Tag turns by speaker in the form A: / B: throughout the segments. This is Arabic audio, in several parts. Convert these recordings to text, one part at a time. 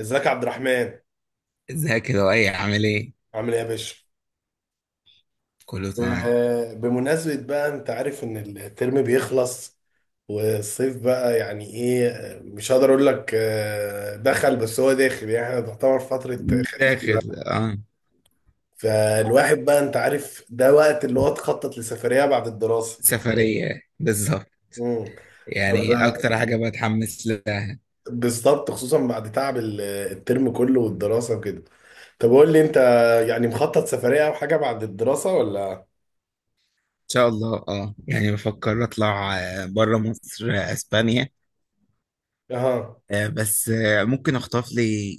A: ازيك يا عبد الرحمن.
B: ازيك يا لؤي؟ عامل ايه؟
A: عامل ايه يا باشا؟
B: كله تمام.
A: بمناسبة بقى، انت عارف ان الترم بيخلص والصيف بقى يعني ايه. مش هقدر اقول لك دخل، بس هو داخل يعني، احنا تعتبر فترة خريف
B: داخل.
A: دلوقتي.
B: اه.
A: فالواحد بقى انت عارف ده وقت اللي هو تخطط لسفرية بعد الدراسة.
B: سفرية بالظبط.
A: مم. طب
B: يعني أكتر حاجة بتحمس لها إن
A: بالظبط، خصوصا بعد تعب الترم كله والدراسة وكده. طب قول لي انت، يعني مخطط سفرية او حاجة بعد الدراسة ولا؟
B: شاء الله، اه، يعني بفكر أطلع بره مصر، أسبانيا.
A: اها.
B: بس ممكن أخطف لي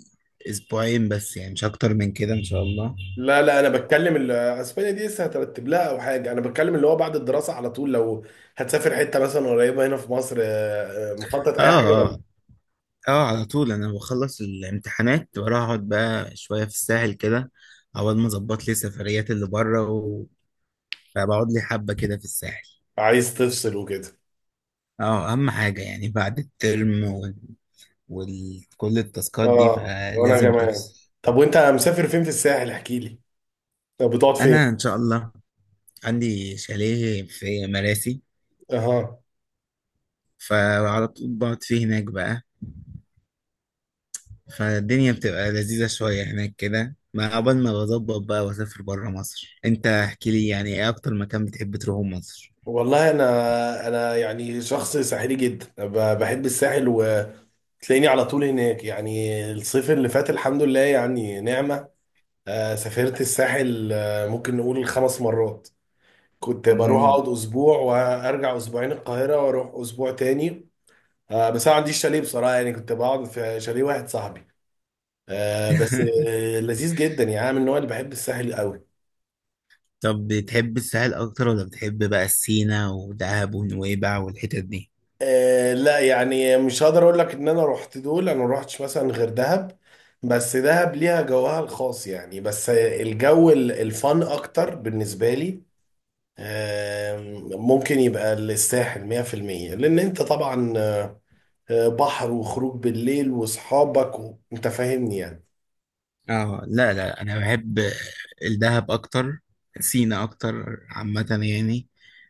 B: أسبوعين بس، يعني مش أكتر من كده إن شاء الله.
A: لا انا بتكلم اسبانيا دي لسه هترتب لها او حاجه، انا بتكلم اللي هو بعد الدراسه على طول، لو هتسافر حته مثلا قريبه هنا في مصر، مخطط اي حاجه
B: اه
A: ولا؟
B: اه. اه، على طول أنا بخلص الامتحانات وأروح أقعد بقى شوية في الساحل كده. أول ما أظبط لي سفريات اللي بره، وبقعد لي حبة كده في الساحل.
A: عايز تفصل وكده.
B: اه، اهم حاجة يعني بعد الترم وكل التاسكات دي،
A: اه وانا
B: فلازم
A: كمان.
B: تفصل.
A: طب وانت مسافر فين في الساحل، احكي لي. طب بتقعد فين؟
B: انا ان شاء الله عندي شاليه في مراسي،
A: اها.
B: فعلى طول بقعد فيه هناك بقى. فالدنيا بتبقى لذيذة شوية هناك كده، ما قبل ما بظبط بقى واسافر برا مصر. انت احكي لي يعني ايه اكتر مكان بتحب تروحه مصر؟
A: والله انا يعني شخص ساحلي جدا، بحب الساحل وتلاقيني على طول هناك. يعني الصيف اللي فات الحمد لله يعني نعمه. سافرت الساحل ممكن نقول خمس مرات، كنت بروح
B: مم.
A: اقعد اسبوع وارجع اسبوعين القاهره واروح اسبوع تاني. بس انا ما عنديش شاليه بصراحه، يعني كنت بقعد في شاليه واحد صاحبي. آه، بس آه، لذيذ جدا، يعني انا من النوع اللي بحب الساحل قوي.
B: طب بتحب الساحل اكتر ولا بتحب بقى السينا ودهب ونويبع والحتت دي؟
A: لا يعني مش هقدر اقول لك ان انا رحت دول، انا ما رحتش مثلا غير دهب، بس دهب ليها جوها الخاص يعني. بس الجو الفن اكتر بالنسبه لي. آه، ممكن يبقى الساحل 100%، لان انت طبعا بحر وخروج بالليل واصحابك و... انت فاهمني يعني.
B: اه، لا لا، انا بحب الدهب اكتر، سينا اكتر عامة يعني.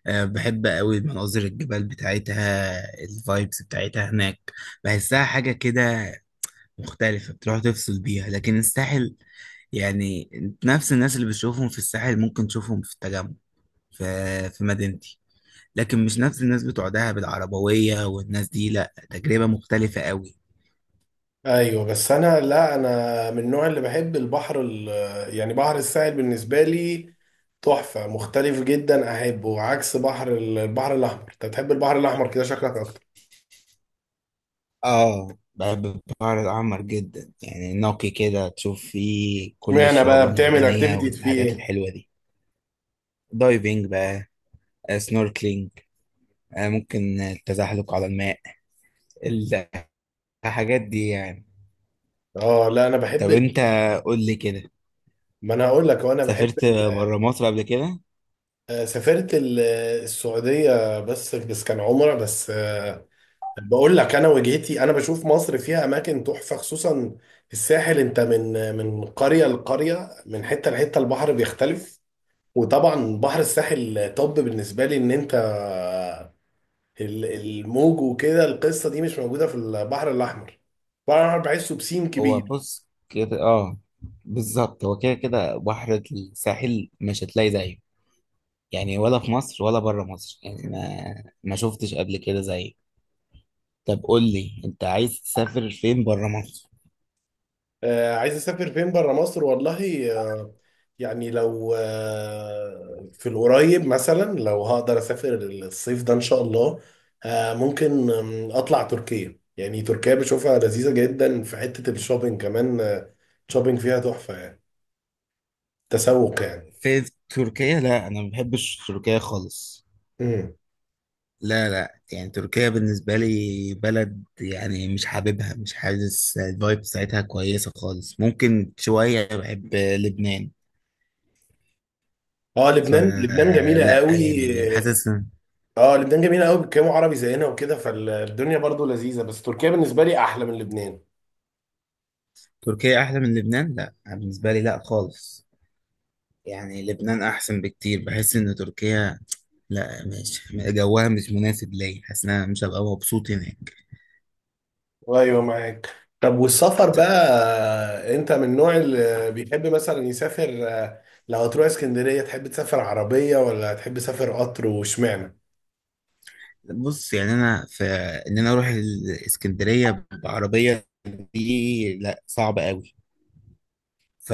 B: بحب قوي مناظر الجبال بتاعتها، الفايبس بتاعتها هناك، بحسها حاجة كده مختلفة، بتروح تفصل بيها. لكن الساحل يعني نفس الناس اللي بتشوفهم في الساحل ممكن تشوفهم في التجمع، في في مدينتي. لكن مش نفس الناس بتوع دهب العربوية والناس دي، لا، تجربة مختلفة قوي.
A: ايوه بس انا، لا انا من النوع اللي بحب البحر يعني بحر الساحل بالنسبه لي تحفه، مختلف جدا احبه عكس بحر البحر الاحمر. انت بتحب البحر الاحمر كده شكلك اكتر.
B: اه، بحب البحر الأحمر جدا، يعني نقي كده تشوف فيه كل
A: اشمعنى
B: الشعاب
A: بقى؟ بتعمل
B: المرجانية
A: اكتيفيتي فيه
B: والحاجات
A: ايه؟
B: الحلوة دي. دايفنج بقى، سنوركلينج، ممكن التزحلق على الماء، الحاجات دي يعني.
A: اه لا انا بحب
B: طب انت قول لي كده،
A: ما انا هقول لك، هو انا بحب
B: سافرت
A: ال...
B: بره مصر قبل كده؟
A: آه، سافرت السعوديه بس، بس كان عمره، بس بقول لك انا وجهتي، انا بشوف مصر فيها اماكن تحفه، خصوصا الساحل. انت من قريه لقريه، من حته لحته، البحر بيختلف. وطبعا بحر الساحل، طب بالنسبه لي ان انت الموج وكده، القصه دي مش موجوده في البحر الاحمر، البحر الاحمر بحسه بسين
B: هو
A: كبير.
B: بص كده، اه، بالظبط، هو كده كده بحر الساحل مش هتلاقي زيه، يعني ولا في مصر ولا بره مصر، يعني ما شفتش قبل كده زيه. طب قول لي انت عايز تسافر فين بره مصر؟
A: عايز اسافر فين بره مصر؟ والله يعني لو في القريب، مثلا لو هقدر اسافر الصيف ده ان شاء الله، ممكن اطلع تركيا. يعني تركيا بشوفها لذيذة جدا في حتة الشوبينج كمان. شوبينج فيها تحفة يعني، تسوق يعني.
B: في تركيا؟ لا، انا ما بحبش تركيا خالص.
A: مم.
B: لا لا، يعني تركيا بالنسبه لي بلد يعني مش حاببها، مش حاسس الفايب بتاعتها كويسه خالص. ممكن شويه بحب لبنان،
A: اه لبنان، لبنان جميلة
B: فلا،
A: قوي.
B: يعني حاسس ان
A: اه لبنان جميلة قوي، بيتكلموا عربي زينا وكده، فالدنيا برضو لذيذة، بس تركيا بالنسبة لي احلى من لبنان.
B: تركيا احلى من لبنان؟ لا، بالنسبه لي لا خالص، يعني لبنان احسن بكتير. بحس ان تركيا لا، مش جوها مش مناسب ليا، حاسس ان انا مش هبقى مبسوط هناك.
A: ايوه معاك. طب والسفر بقى، انت من النوع اللي بيحب مثلا يسافر، لو هتروح اسكندريه تحب تسافر عربيه ولا تحب تسافر قطر؟ واشمعنى؟
B: بص يعني انا في ان انا اروح الاسكندريه بعربيه، دي لا، صعب قوي. ف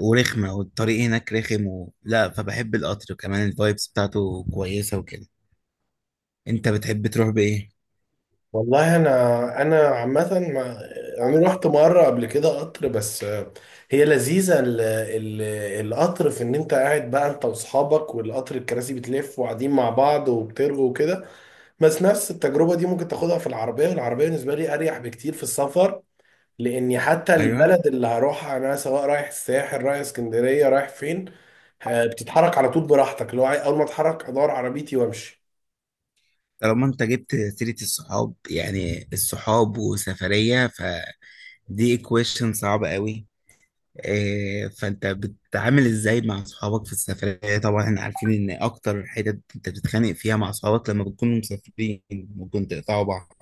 B: ورخمه، والطريق هناك رخم لا، فبحب القطر كمان، الفايبس بتاعته كويسه وكده. انت بتحب تروح بايه؟
A: والله انا عامه انا رحت مره قبل كده قطر بس، هي لذيذه القطر في ان انت قاعد بقى انت واصحابك، والقطر الكراسي بتلف وقاعدين مع بعض وبترغوا وكده. بس نفس التجربه دي ممكن تاخدها في العربيه، والعربيه بالنسبه لي اريح بكتير في السفر، لاني حتى
B: ايوه.
A: البلد اللي هروحها انا، سواء رايح الساحل، رايح اسكندريه، رايح فين، بتتحرك على طول براحتك. لو اول ما اتحرك ادور عربيتي وامشي.
B: طالما انت جبت سيره الصحاب، يعني الصحاب وسفريه، فدي equation صعبه قوي. إيه، فانت بتتعامل ازاي مع اصحابك في السفرية؟ طبعا احنا عارفين ان اكتر حتت انت بتتخانق فيها مع اصحابك لما بتكونوا مسافرين، ممكن تقطعوا بعض.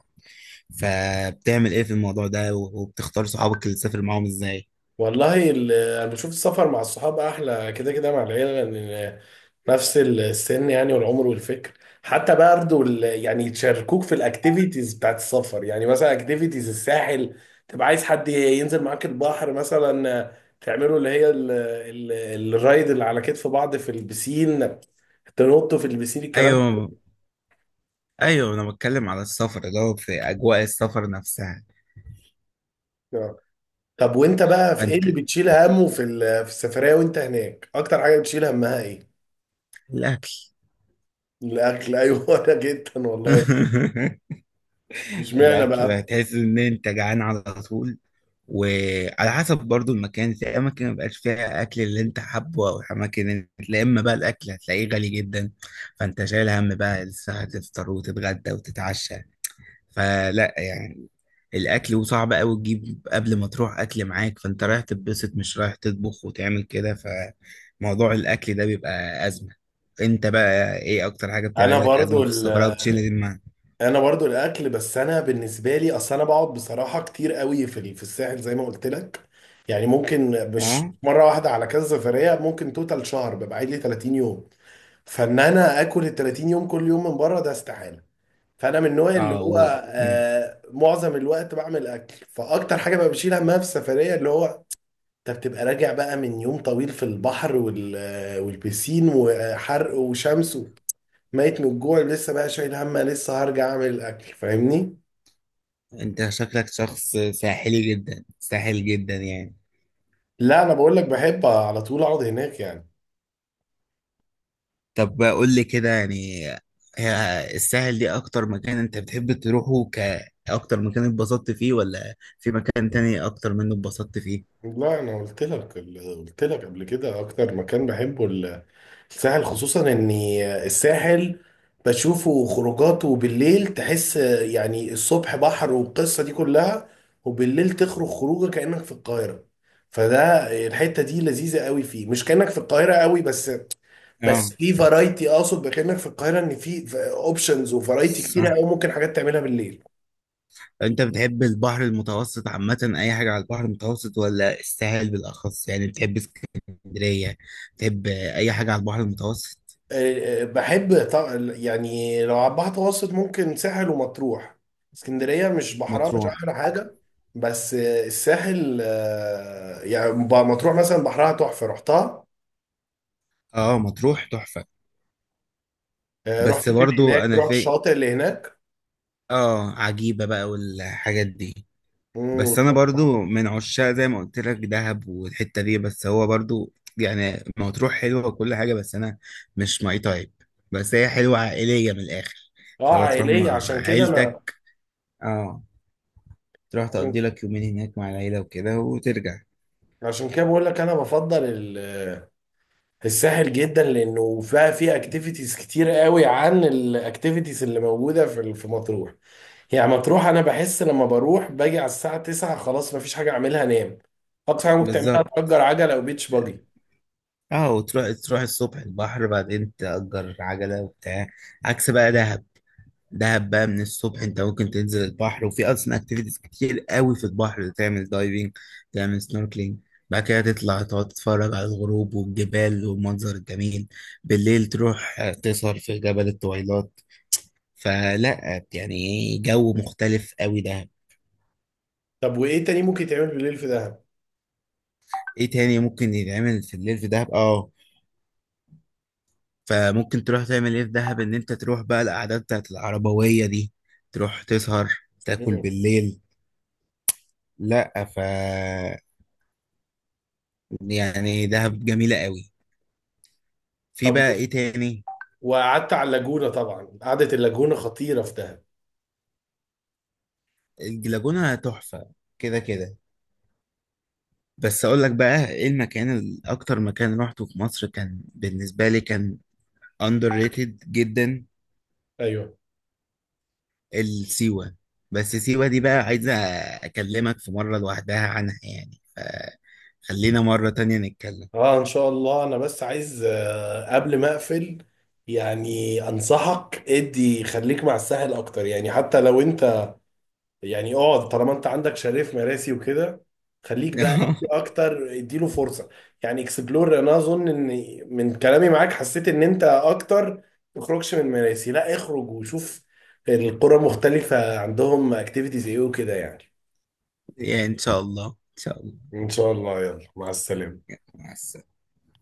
B: فبتعمل ايه في الموضوع ده، وبتختار صحابك اللي تسافر معاهم ازاي؟
A: والله انا بشوف السفر مع الصحاب احلى كده كده مع العيله، لان نفس السن يعني، والعمر والفكر. حتى برضه يعني يشاركوك في الاكتيفيتيز بتاعت السفر. يعني مثلا اكتيفيتيز الساحل، تبقى عايز حد ينزل معاك البحر مثلا، تعملوا اللي هي الرايد اللي على كتف بعض في البسين، تنطوا في البسين، الكلام ده.
B: ايوه ايوه، انا بتكلم على السفر اللي هو في اجواء السفر نفسها.
A: آه. طب وانت بقى، في ايه اللي
B: فانت
A: بتشيل همه في في السفرية وانت هناك؟ اكتر حاجة بتشيل همها ايه؟
B: الاكل.
A: الاكل؟ ايوه انا جدا والله. مش معنى
B: الاكل بقى،
A: بقى.
B: تحس ان انت جعان على طول، وعلى حسب برضو المكان. في اماكن ما بقاش فيها اكل اللي انت حابه، او اماكن لا، اما بقى الاكل هتلاقيه غالي جدا، فانت شايل هم بقى لسه هتفطر وتتغدى وتتعشى. فلا، يعني الاكل، وصعب قوي تجيب قبل ما تروح اكل معاك، فانت رايح تتبسط، مش رايح تطبخ وتعمل كده. فموضوع الاكل ده بيبقى ازمه. انت بقى ايه اكتر حاجه
A: انا
B: بتعمل لك ازمه
A: برضو،
B: في السفر او بتشيل المعنى؟
A: انا برضو الاكل. بس انا بالنسبه لي اصل انا بقعد بصراحه كتير قوي في في الساحل زي ما قلت لك. يعني ممكن مش
B: اه
A: مره واحده، على كذا سفريه ممكن توتال شهر، ببقى قاعد لي 30 يوم. فان انا اكل ال 30 يوم كل يوم من بره، ده استحاله. فانا من النوع اللي
B: اه
A: هو معظم الوقت بعمل اكل. فاكتر حاجه بقى بشيل همها في السفريه اللي هو، انت بتبقى راجع بقى من يوم طويل في البحر والبسين وحرق وشمس، ميت من الجوع، لسه بقى شايل هم لسه هرجع اعمل الاكل، فاهمني؟
B: انت شكلك شخص ساحلي جدا، ساحل جدا يعني.
A: لا انا بقول لك بحب على طول اقعد هناك يعني.
B: طب قول لي كده يعني، الساحل دي اكتر مكان انت بتحب تروحه؟ اكتر مكان اتبسطت فيه، ولا في مكان تاني اكتر منه اتبسطت فيه؟
A: لا انا قلت لك قبل كده اكتر مكان بحبه الساحل، خصوصا ان الساحل بشوفه، خروجاته بالليل تحس يعني، الصبح بحر والقصة دي كلها، وبالليل تخرج خروجه كأنك في القاهرة. فده الحتة دي لذيذة قوي فيه، مش كأنك في القاهرة قوي بس،
B: اه.
A: بس في فرايتي، اقصد كأنك في القاهرة ان في اوبشنز وفرايتي كتيرة
B: صح.
A: قوي، ممكن حاجات تعملها بالليل.
B: انت بتحب البحر المتوسط عامة، اي حاجة على البحر المتوسط، ولا الساحل بالاخص؟ يعني بتحب اسكندرية؟ بتحب اي حاجة على البحر المتوسط؟
A: بحب طبعا، يعني لو على البحر المتوسط ممكن ساحل ومطروح. اسكندرية مش بحرها مش
B: مطروح.
A: أحلى حاجة. بس الساحل يعني مطروح مثلا بحرها تحفة، رحتها.
B: اه، مطروح تحفة. بس
A: رحت فين
B: برضو
A: هناك،
B: انا
A: رحت
B: في،
A: الشاطئ اللي هناك.
B: اه، عجيبة بقى والحاجات دي.
A: مم،
B: بس انا
A: والله.
B: برضو من عشاق، زي ما قلت لك، دهب والحته دي. بس هو برضو يعني مطروح حلوه وكل حاجه، بس انا مش ماي تايب. بس هي حلوه عائليه من الاخر.
A: اه
B: لو تروح مع
A: عائلية عشان كده أنا.
B: عيلتك، اه، تروح تقضي
A: عشان
B: لك يومين هناك مع العيله وكده وترجع.
A: عشان كده بقول لك، أنا بفضل الساحل جدا، لأنه فيها فيه أكتيفيتيز كتير قوي عن الأكتيفيتيز اللي موجودة في في مطروح. هي مطروح انا بحس لما بروح باجي على الساعه 9 خلاص مفيش حاجه اعملها، انام. اقصى حاجه ممكن تعملها
B: بالظبط.
A: تأجر عجله او بيتش باجي.
B: اه، وتروح تروح الصبح البحر، بعدين تأجر عجله وبتاع. عكس بقى دهب، دهب بقى من الصبح انت ممكن تنزل البحر، وفي اصلا اكتيفيتيز كتير قوي في البحر، تعمل دايفنج، تعمل سنوركلينج، بعد كده تطلع تقعد تتفرج على الغروب والجبال والمنظر الجميل. بالليل تروح تسهر في جبل الطويلات. فلا، يعني جو مختلف قوي دهب.
A: طب وايه تاني ممكن يتعمل بالليل في دهب؟
B: ايه تاني ممكن يتعمل في الليل في دهب؟ اه، فممكن تروح تعمل ايه في دهب، ان انت تروح بقى القعدات بتاعت العربوية دي، تروح تسهر، تاكل
A: مم.
B: بالليل. لا، يعني دهب جميلة قوي. في
A: طب
B: بقى
A: و...
B: ايه تاني؟
A: وقعدت على اللاجونه طبعا، قعده اللاجونه خطيره في دهب.
B: الجلاجونة تحفة كده كده. بس اقول لك بقى ايه المكان، اكتر مكان روحته في مصر كان بالنسبة لي، كان اندر ريتد جدا.
A: ايوه.
B: السيوة. بس سيوة دي بقى عايزة اكلمك في مرة لوحدها عنها يعني، فخلينا مرة تانية نتكلم.
A: اه ان شاء الله، انا بس عايز قبل ما اقفل يعني انصحك، ادي خليك مع الساحل اكتر، يعني حتى لو انت يعني اقعد، طالما انت عندك شريف مراسي وكده، خليك بقى في اكتر، اديله فرصه، يعني اكسبلور. انا اظن ان من كلامي معاك حسيت ان انت اكتر تخرجش من مراسي، لا اخرج وشوف القرى، مختلفه عندهم اكتيفيتيز ايه وكده يعني.
B: يعني ان شاء الله، ان شاء الله.
A: ان شاء الله، يلا مع السلامه.
B: مع السلامة.